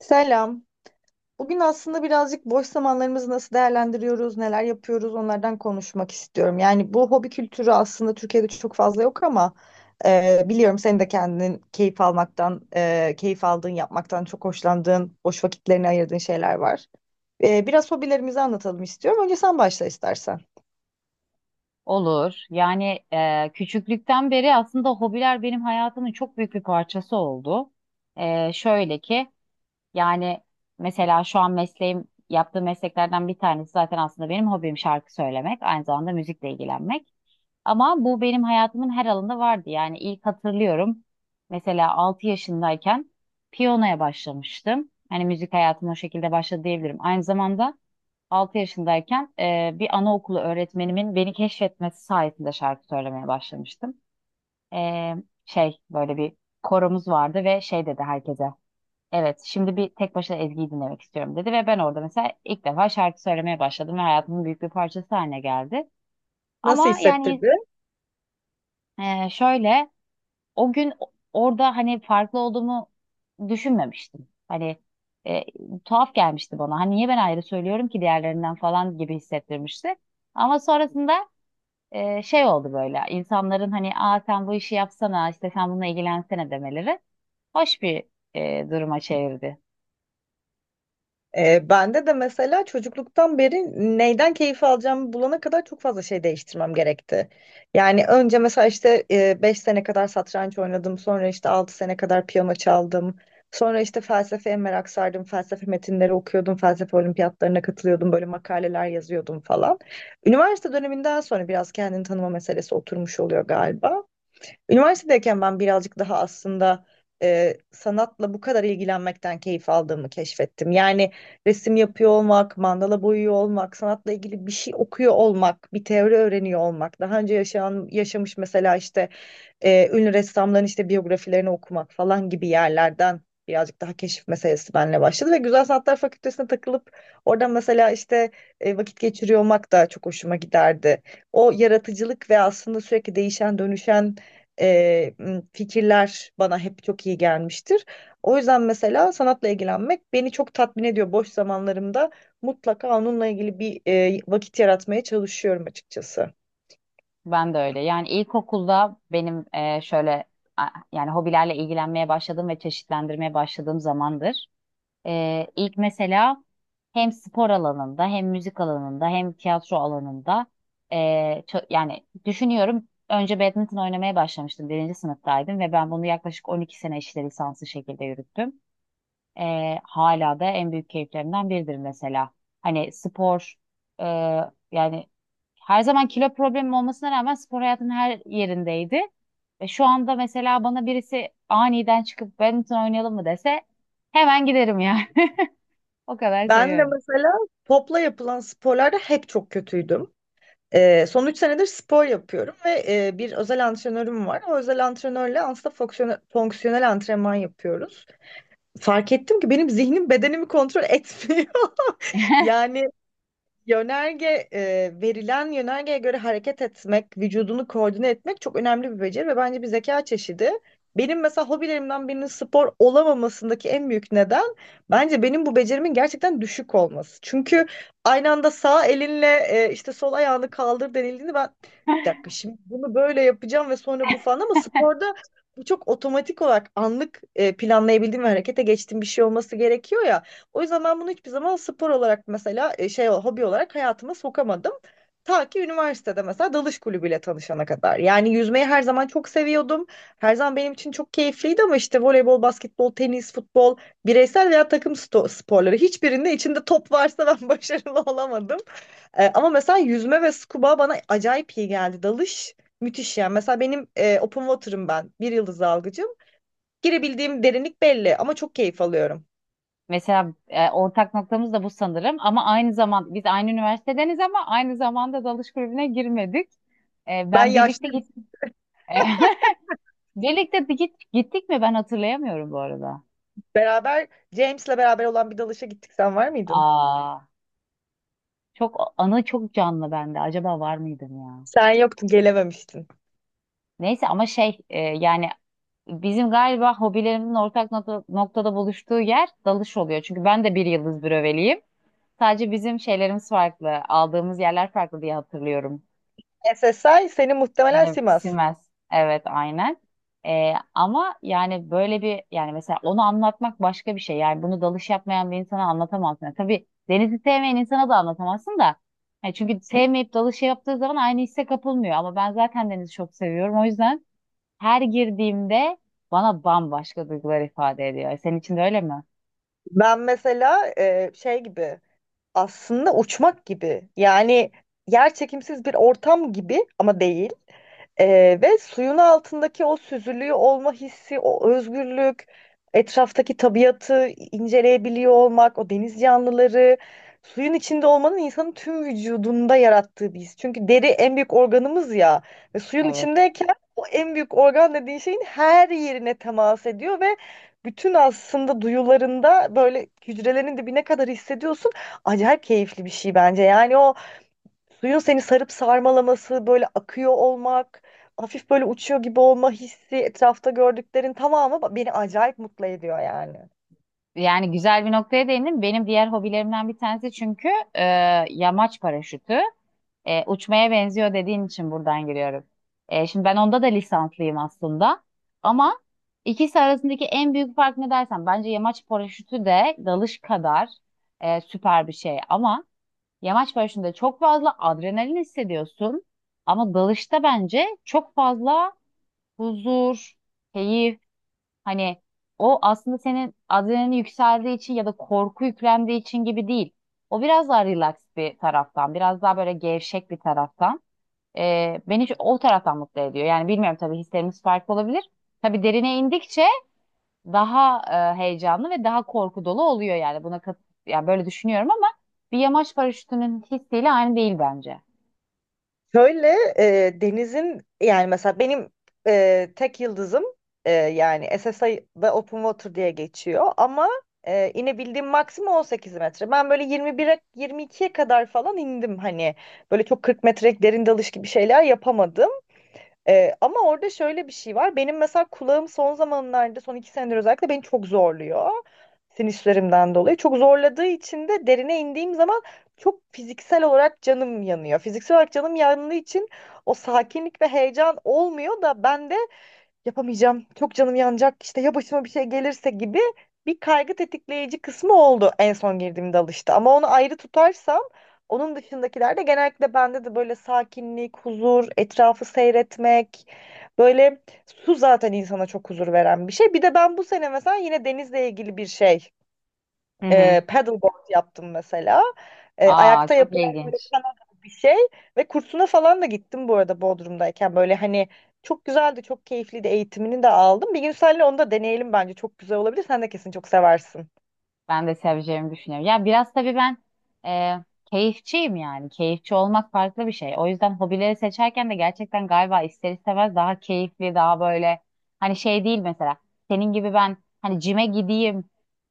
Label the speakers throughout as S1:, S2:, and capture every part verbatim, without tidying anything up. S1: Selam. Bugün aslında birazcık boş zamanlarımızı nasıl değerlendiriyoruz, neler yapıyoruz onlardan konuşmak istiyorum. Yani bu hobi kültürü aslında Türkiye'de çok fazla yok ama e, biliyorum senin de kendin keyif almaktan, e, keyif aldığın, yapmaktan çok hoşlandığın, boş vakitlerini ayırdığın şeyler var. E, biraz hobilerimizi anlatalım istiyorum. Önce sen başla istersen.
S2: Olur. Yani e, küçüklükten beri aslında hobiler benim hayatımın çok büyük bir parçası oldu. E, şöyle ki yani mesela şu an mesleğim yaptığım mesleklerden bir tanesi zaten aslında benim hobim şarkı söylemek, aynı zamanda müzikle ilgilenmek. Ama bu benim hayatımın her alanında vardı. Yani ilk hatırlıyorum mesela altı yaşındayken piyanoya başlamıştım. Hani müzik hayatıma o şekilde başladı diyebilirim. Aynı zamanda Altı yaşındayken e, bir anaokulu öğretmenimin beni keşfetmesi sayesinde şarkı söylemeye başlamıştım. E, şey böyle bir koromuz vardı ve şey dedi herkese. Evet, şimdi bir tek başına Ezgi'yi dinlemek istiyorum dedi ve ben orada mesela ilk defa şarkı söylemeye başladım ve hayatımın büyük bir parçası haline geldi.
S1: Nasıl
S2: Ama yani
S1: hissettirdi?
S2: e, şöyle o gün orada hani farklı olduğumu düşünmemiştim. Hani e, tuhaf gelmişti bana. Hani niye ben ayrı söylüyorum ki diğerlerinden falan gibi hissettirmişti. Ama sonrasında e, şey oldu böyle. İnsanların hani aa sen bu işi yapsana işte sen bununla ilgilensene demeleri hoş bir e, duruma çevirdi.
S1: E, bende de mesela çocukluktan beri neyden keyif alacağımı bulana kadar çok fazla şey değiştirmem gerekti. Yani önce mesela işte beş sene kadar satranç oynadım, sonra işte altı sene kadar piyano çaldım. Sonra işte felsefeye merak sardım, felsefe metinleri okuyordum, felsefe olimpiyatlarına katılıyordum, böyle makaleler yazıyordum falan. Üniversite döneminden sonra biraz kendini tanıma meselesi oturmuş oluyor galiba. Üniversitedeyken ben birazcık daha aslında e, sanatla bu kadar ilgilenmekten keyif aldığımı keşfettim. Yani resim yapıyor olmak, mandala boyuyor olmak, sanatla ilgili bir şey okuyor olmak, bir teori öğreniyor olmak. Daha önce yaşayan, yaşamış mesela işte e, ünlü ressamların işte biyografilerini okumak falan gibi yerlerden birazcık daha keşif meselesi benimle başladı ve Güzel Sanatlar Fakültesine takılıp oradan mesela işte e, vakit geçiriyor olmak da çok hoşuma giderdi. O yaratıcılık ve aslında sürekli değişen dönüşen e, m, fikirler bana hep çok iyi gelmiştir. O yüzden mesela sanatla ilgilenmek beni çok tatmin ediyor. Boş zamanlarımda mutlaka onunla ilgili bir e, vakit yaratmaya çalışıyorum açıkçası.
S2: Ben de öyle. Yani ilkokulda benim e, şöyle a- yani hobilerle ilgilenmeye başladığım ve çeşitlendirmeye başladığım zamandır. Ee, ilk mesela hem spor alanında hem müzik alanında hem tiyatro alanında ee, ço- yani düşünüyorum önce badminton oynamaya başlamıştım birinci sınıftaydım ve ben bunu yaklaşık on iki sene işte lisanslı şekilde yürüttüm. Ee, hala da en büyük keyiflerimden biridir mesela. Hani spor ee, yani her zaman kilo problemim olmasına rağmen spor hayatının her yerindeydi. Ve şu anda mesela bana birisi aniden çıkıp badminton oynayalım mı dese hemen giderim yani. O kadar
S1: Ben de
S2: seviyorum.
S1: mesela topla yapılan sporlarda hep çok kötüydüm. Ee, son üç senedir spor yapıyorum ve e, bir özel antrenörüm var. O özel antrenörle aslında fonksiyonel, fonksiyonel antrenman yapıyoruz. Fark ettim ki benim zihnim bedenimi kontrol etmiyor. Yani Yönerge e, verilen yönergeye göre hareket etmek, vücudunu koordine etmek çok önemli bir beceri ve bence bir zeka çeşidi. Benim mesela hobilerimden birinin spor olamamasındaki en büyük neden bence benim bu becerimin gerçekten düşük olması. Çünkü aynı anda sağ elinle e, işte sol ayağını kaldır denildiğinde ben bir dakika şimdi bunu böyle yapacağım ve sonra bu falan ama sporda bu çok otomatik olarak anlık e, planlayabildiğim ve harekete geçtiğim bir şey olması gerekiyor ya. O yüzden ben bunu hiçbir zaman spor olarak mesela e, şey hobi olarak hayatıma sokamadım. Ta ki üniversitede mesela dalış kulübüyle tanışana kadar. Yani yüzmeyi her zaman çok seviyordum. Her zaman benim için çok keyifliydi ama işte voleybol, basketbol, tenis, futbol, bireysel veya takım sto- sporları hiçbirinde içinde top varsa ben başarılı olamadım. E, ama mesela yüzme ve scuba bana acayip iyi geldi. Dalış müthiş yani. Mesela benim e, open water'ım ben. Bir yıldız dalgıcım. Girebildiğim derinlik belli ama çok keyif alıyorum.
S2: Mesela e, ortak noktamız da bu sanırım ama aynı zaman biz aynı üniversitedeniz ama aynı zamanda dalış kulübüne girmedik. E,
S1: Ben
S2: ben birlikte
S1: yaşlı
S2: git birlikte bir git gittik mi ben hatırlayamıyorum bu arada.
S1: Beraber James'le beraber olan bir dalışa gittik. Sen var mıydın?
S2: Aa, çok anı çok canlı bende. Acaba var mıydım ya?
S1: Sen yoktun, gelememiştin.
S2: Neyse ama şey e, yani bizim galiba hobilerimizin ortak nokta- noktada buluştuğu yer dalış oluyor. Çünkü ben de bir yıldız bröveliyim. Sadece bizim şeylerimiz farklı. Aldığımız yerler farklı diye hatırlıyorum.
S1: S S I seni muhtemelen
S2: Benim
S1: Simas.
S2: Siemens. Evet, aynen. Ee, ama yani böyle bir yani mesela onu anlatmak başka bir şey. Yani bunu dalış yapmayan bir insana anlatamazsın. Yani tabii denizi sevmeyen insana da anlatamazsın da. Yani çünkü sevmeyip dalış yaptığı zaman aynı hisse kapılmıyor. Ama ben zaten denizi çok seviyorum. O yüzden her girdiğimde bana bambaşka duygular ifade ediyor. Senin için de öyle mi?
S1: Ben mesela e, şey gibi aslında uçmak gibi yani yer çekimsiz bir ortam gibi ama değil. Ee, ve suyun altındaki o süzülüğü olma hissi, o özgürlük, etraftaki tabiatı inceleyebiliyor olmak, o deniz canlıları, suyun içinde olmanın insanın tüm vücudunda yarattığı bir his. Çünkü deri en büyük organımız ya ve suyun
S2: Evet.
S1: içindeyken o en büyük organ dediğin şeyin her yerine temas ediyor ve bütün aslında duyularında böyle hücrelerin dibine kadar hissediyorsun. Acayip keyifli bir şey bence. Yani o Suyun seni sarıp sarmalaması, böyle akıyor olmak, hafif böyle uçuyor gibi olma hissi, etrafta gördüklerin tamamı ba- beni acayip mutlu ediyor yani.
S2: Yani güzel bir noktaya değindim. Benim diğer hobilerimden bir tanesi çünkü e, yamaç paraşütü. E, uçmaya benziyor dediğin için buradan giriyorum. E, şimdi ben onda da lisanslıyım aslında. Ama ikisi arasındaki en büyük fark ne dersen bence yamaç paraşütü de dalış kadar e, süper bir şey. Ama yamaç paraşütünde çok fazla adrenalin hissediyorsun. Ama dalışta bence çok fazla huzur, keyif, hani o aslında senin adrenalin yükseldiği için ya da korku yüklendiği için gibi değil. O biraz daha relax bir taraftan, biraz daha böyle gevşek bir taraftan. Ee, beni şu- o taraftan mutlu ediyor. Yani bilmiyorum, tabii hislerimiz farklı olabilir. Tabii derine indikçe daha e, heyecanlı ve daha korku dolu oluyor yani. Buna kat, yani böyle düşünüyorum ama bir yamaç paraşütünün hissiyle aynı değil bence.
S1: Şöyle e, denizin yani mesela benim e, tek yıldızım e, yani S S I'da Open Water diye geçiyor ama e, inebildiğim maksimum on sekiz metre. Ben böyle yirmi bire yirmi ikiye kadar falan indim hani böyle çok kırk metrelik derin dalış gibi şeyler yapamadım. Ee, ama orada şöyle bir şey var. Benim mesela kulağım son zamanlarda, son iki senedir özellikle beni çok zorluyor. Sinüslerimden dolayı. Çok zorladığı için de derine indiğim zaman çok fiziksel olarak canım yanıyor. Fiziksel olarak canım yandığı için o sakinlik ve heyecan olmuyor da ben de yapamayacağım, çok canım yanacak, işte ya başıma bir şey gelirse gibi bir kaygı tetikleyici kısmı oldu en son girdiğimde alıştı. Ama onu ayrı tutarsam onun dışındakilerde genellikle bende de böyle sakinlik, huzur, etrafı seyretmek, böyle su zaten insana çok huzur veren bir şey. Bir de ben bu sene mesela yine denizle ilgili bir şey
S2: Hı hı.
S1: e, paddleboard yaptım mesela. E,
S2: Aa,
S1: ayakta
S2: çok
S1: yapılan böyle
S2: ilginç.
S1: kano gibi bir şey. Ve kursuna falan da gittim bu arada Bodrum'dayken. Böyle hani çok güzeldi, çok keyifliydi. Eğitimini de aldım. Bir gün seninle onu da deneyelim bence. Çok güzel olabilir. Sen de kesin çok seversin.
S2: Ben de seveceğimi düşünüyorum. Ya biraz tabii ben e, keyifçiyim yani. Keyifçi olmak farklı bir şey. O yüzden hobileri seçerken de gerçekten galiba ister istemez daha keyifli, daha böyle hani şey değil mesela. Senin gibi ben hani cime gideyim,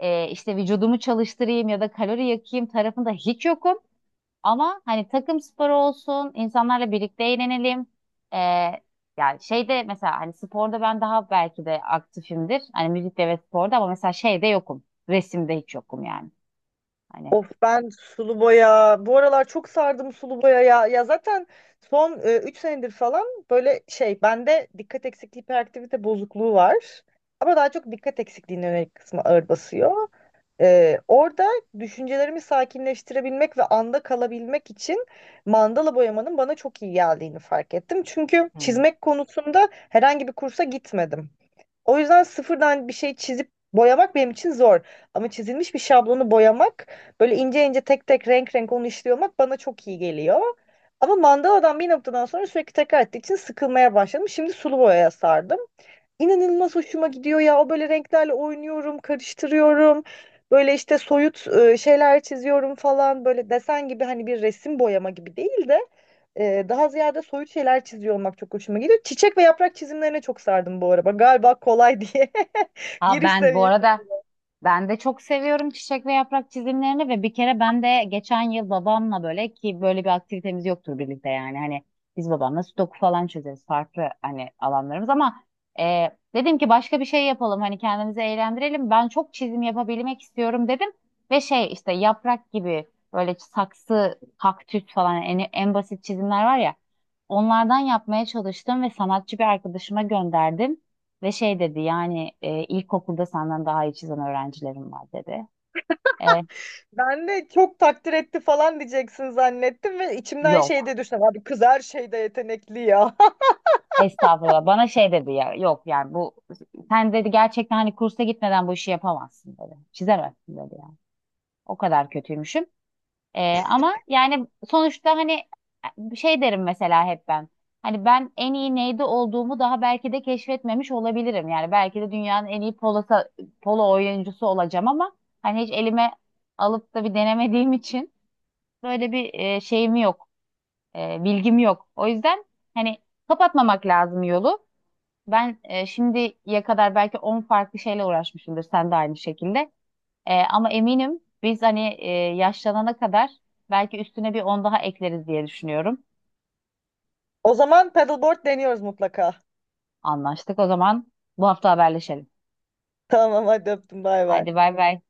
S2: e, işte vücudumu çalıştırayım ya da kalori yakayım tarafında hiç yokum. Ama hani takım sporu olsun, insanlarla birlikte eğlenelim. Ee, yani şeyde mesela hani sporda ben daha belki de aktifimdir. Hani müzikte ve sporda, ama mesela şeyde yokum. Resimde hiç yokum yani.
S1: Of ben sulu boya. Bu aralar çok sardım sulu boya ya. Ya zaten son üç senedir falan böyle şey bende dikkat eksikliği hiperaktivite bozukluğu var. Ama daha çok dikkat eksikliğine yönelik kısmı ağır basıyor. Ee, orada düşüncelerimi sakinleştirebilmek ve anda kalabilmek için mandala boyamanın bana çok iyi geldiğini fark ettim. Çünkü
S2: Hani.
S1: çizmek konusunda herhangi bir kursa gitmedim. O yüzden sıfırdan bir şey çizip boyamak benim için zor. Ama çizilmiş bir şablonu boyamak, böyle ince ince tek tek renk renk onu işliyor olmak bana çok iyi geliyor. Ama mandaladan bir noktadan sonra sürekli tekrar ettiği için sıkılmaya başladım. Şimdi sulu boyaya sardım. İnanılmaz hoşuma gidiyor ya. O böyle renklerle oynuyorum, karıştırıyorum. Böyle işte soyut e, şeyler çiziyorum falan. Böyle desen gibi hani bir resim boyama gibi değil de e, daha ziyade soyut şeyler çiziyor olmak çok hoşuma gidiyor. Çiçek ve yaprak çizimlerine çok sardım bu araba. Galiba kolay diye
S2: Aa,
S1: giriş
S2: ben bu
S1: seviyesi.
S2: arada ben de çok seviyorum çiçek ve yaprak çizimlerini ve bir kere ben de geçen yıl babamla, böyle ki böyle bir aktivitemiz yoktur birlikte, yani hani biz babamla sudoku falan çözeriz, farklı hani alanlarımız, ama e, dedim ki başka bir şey yapalım hani kendimizi eğlendirelim, ben çok çizim yapabilmek istiyorum dedim ve şey işte yaprak gibi böyle saksı kaktüs falan en, en basit çizimler var ya, onlardan yapmaya çalıştım ve sanatçı bir arkadaşıma gönderdim. Ve şey dedi, yani e, ilkokulda senden daha iyi çizen öğrencilerim var dedi. E,
S1: Ben de çok takdir etti falan diyeceksin zannettim ve içimden şey
S2: yok.
S1: de düşündüm. Abi kız her şeyde yetenekli ya.
S2: Estağfurullah. Bana şey dedi ya, yok yani bu sen dedi gerçekten hani kursa gitmeden bu işi yapamazsın dedi. Çizemezsin dedi yani. O kadar kötüymüşüm. E, ama yani sonuçta hani e, şey derim mesela hep ben. Hani ben en iyi neyde olduğumu daha belki de keşfetmemiş olabilirim. Yani belki de dünyanın en iyi polo, polo oyuncusu olacağım ama hani hiç elime alıp da bir denemediğim için böyle bir e, şeyim yok, e, bilgim yok. O yüzden hani kapatmamak lazım yolu. Ben e, şimdiye kadar belki on farklı şeyle uğraşmışımdır, sen de aynı şekilde. E, ama eminim biz hani e, yaşlanana kadar belki üstüne bir on daha ekleriz diye düşünüyorum.
S1: O zaman paddleboard deniyoruz mutlaka.
S2: Anlaştık o zaman, bu hafta haberleşelim.
S1: Tamam hadi öptüm bay bay.
S2: Haydi bay bay.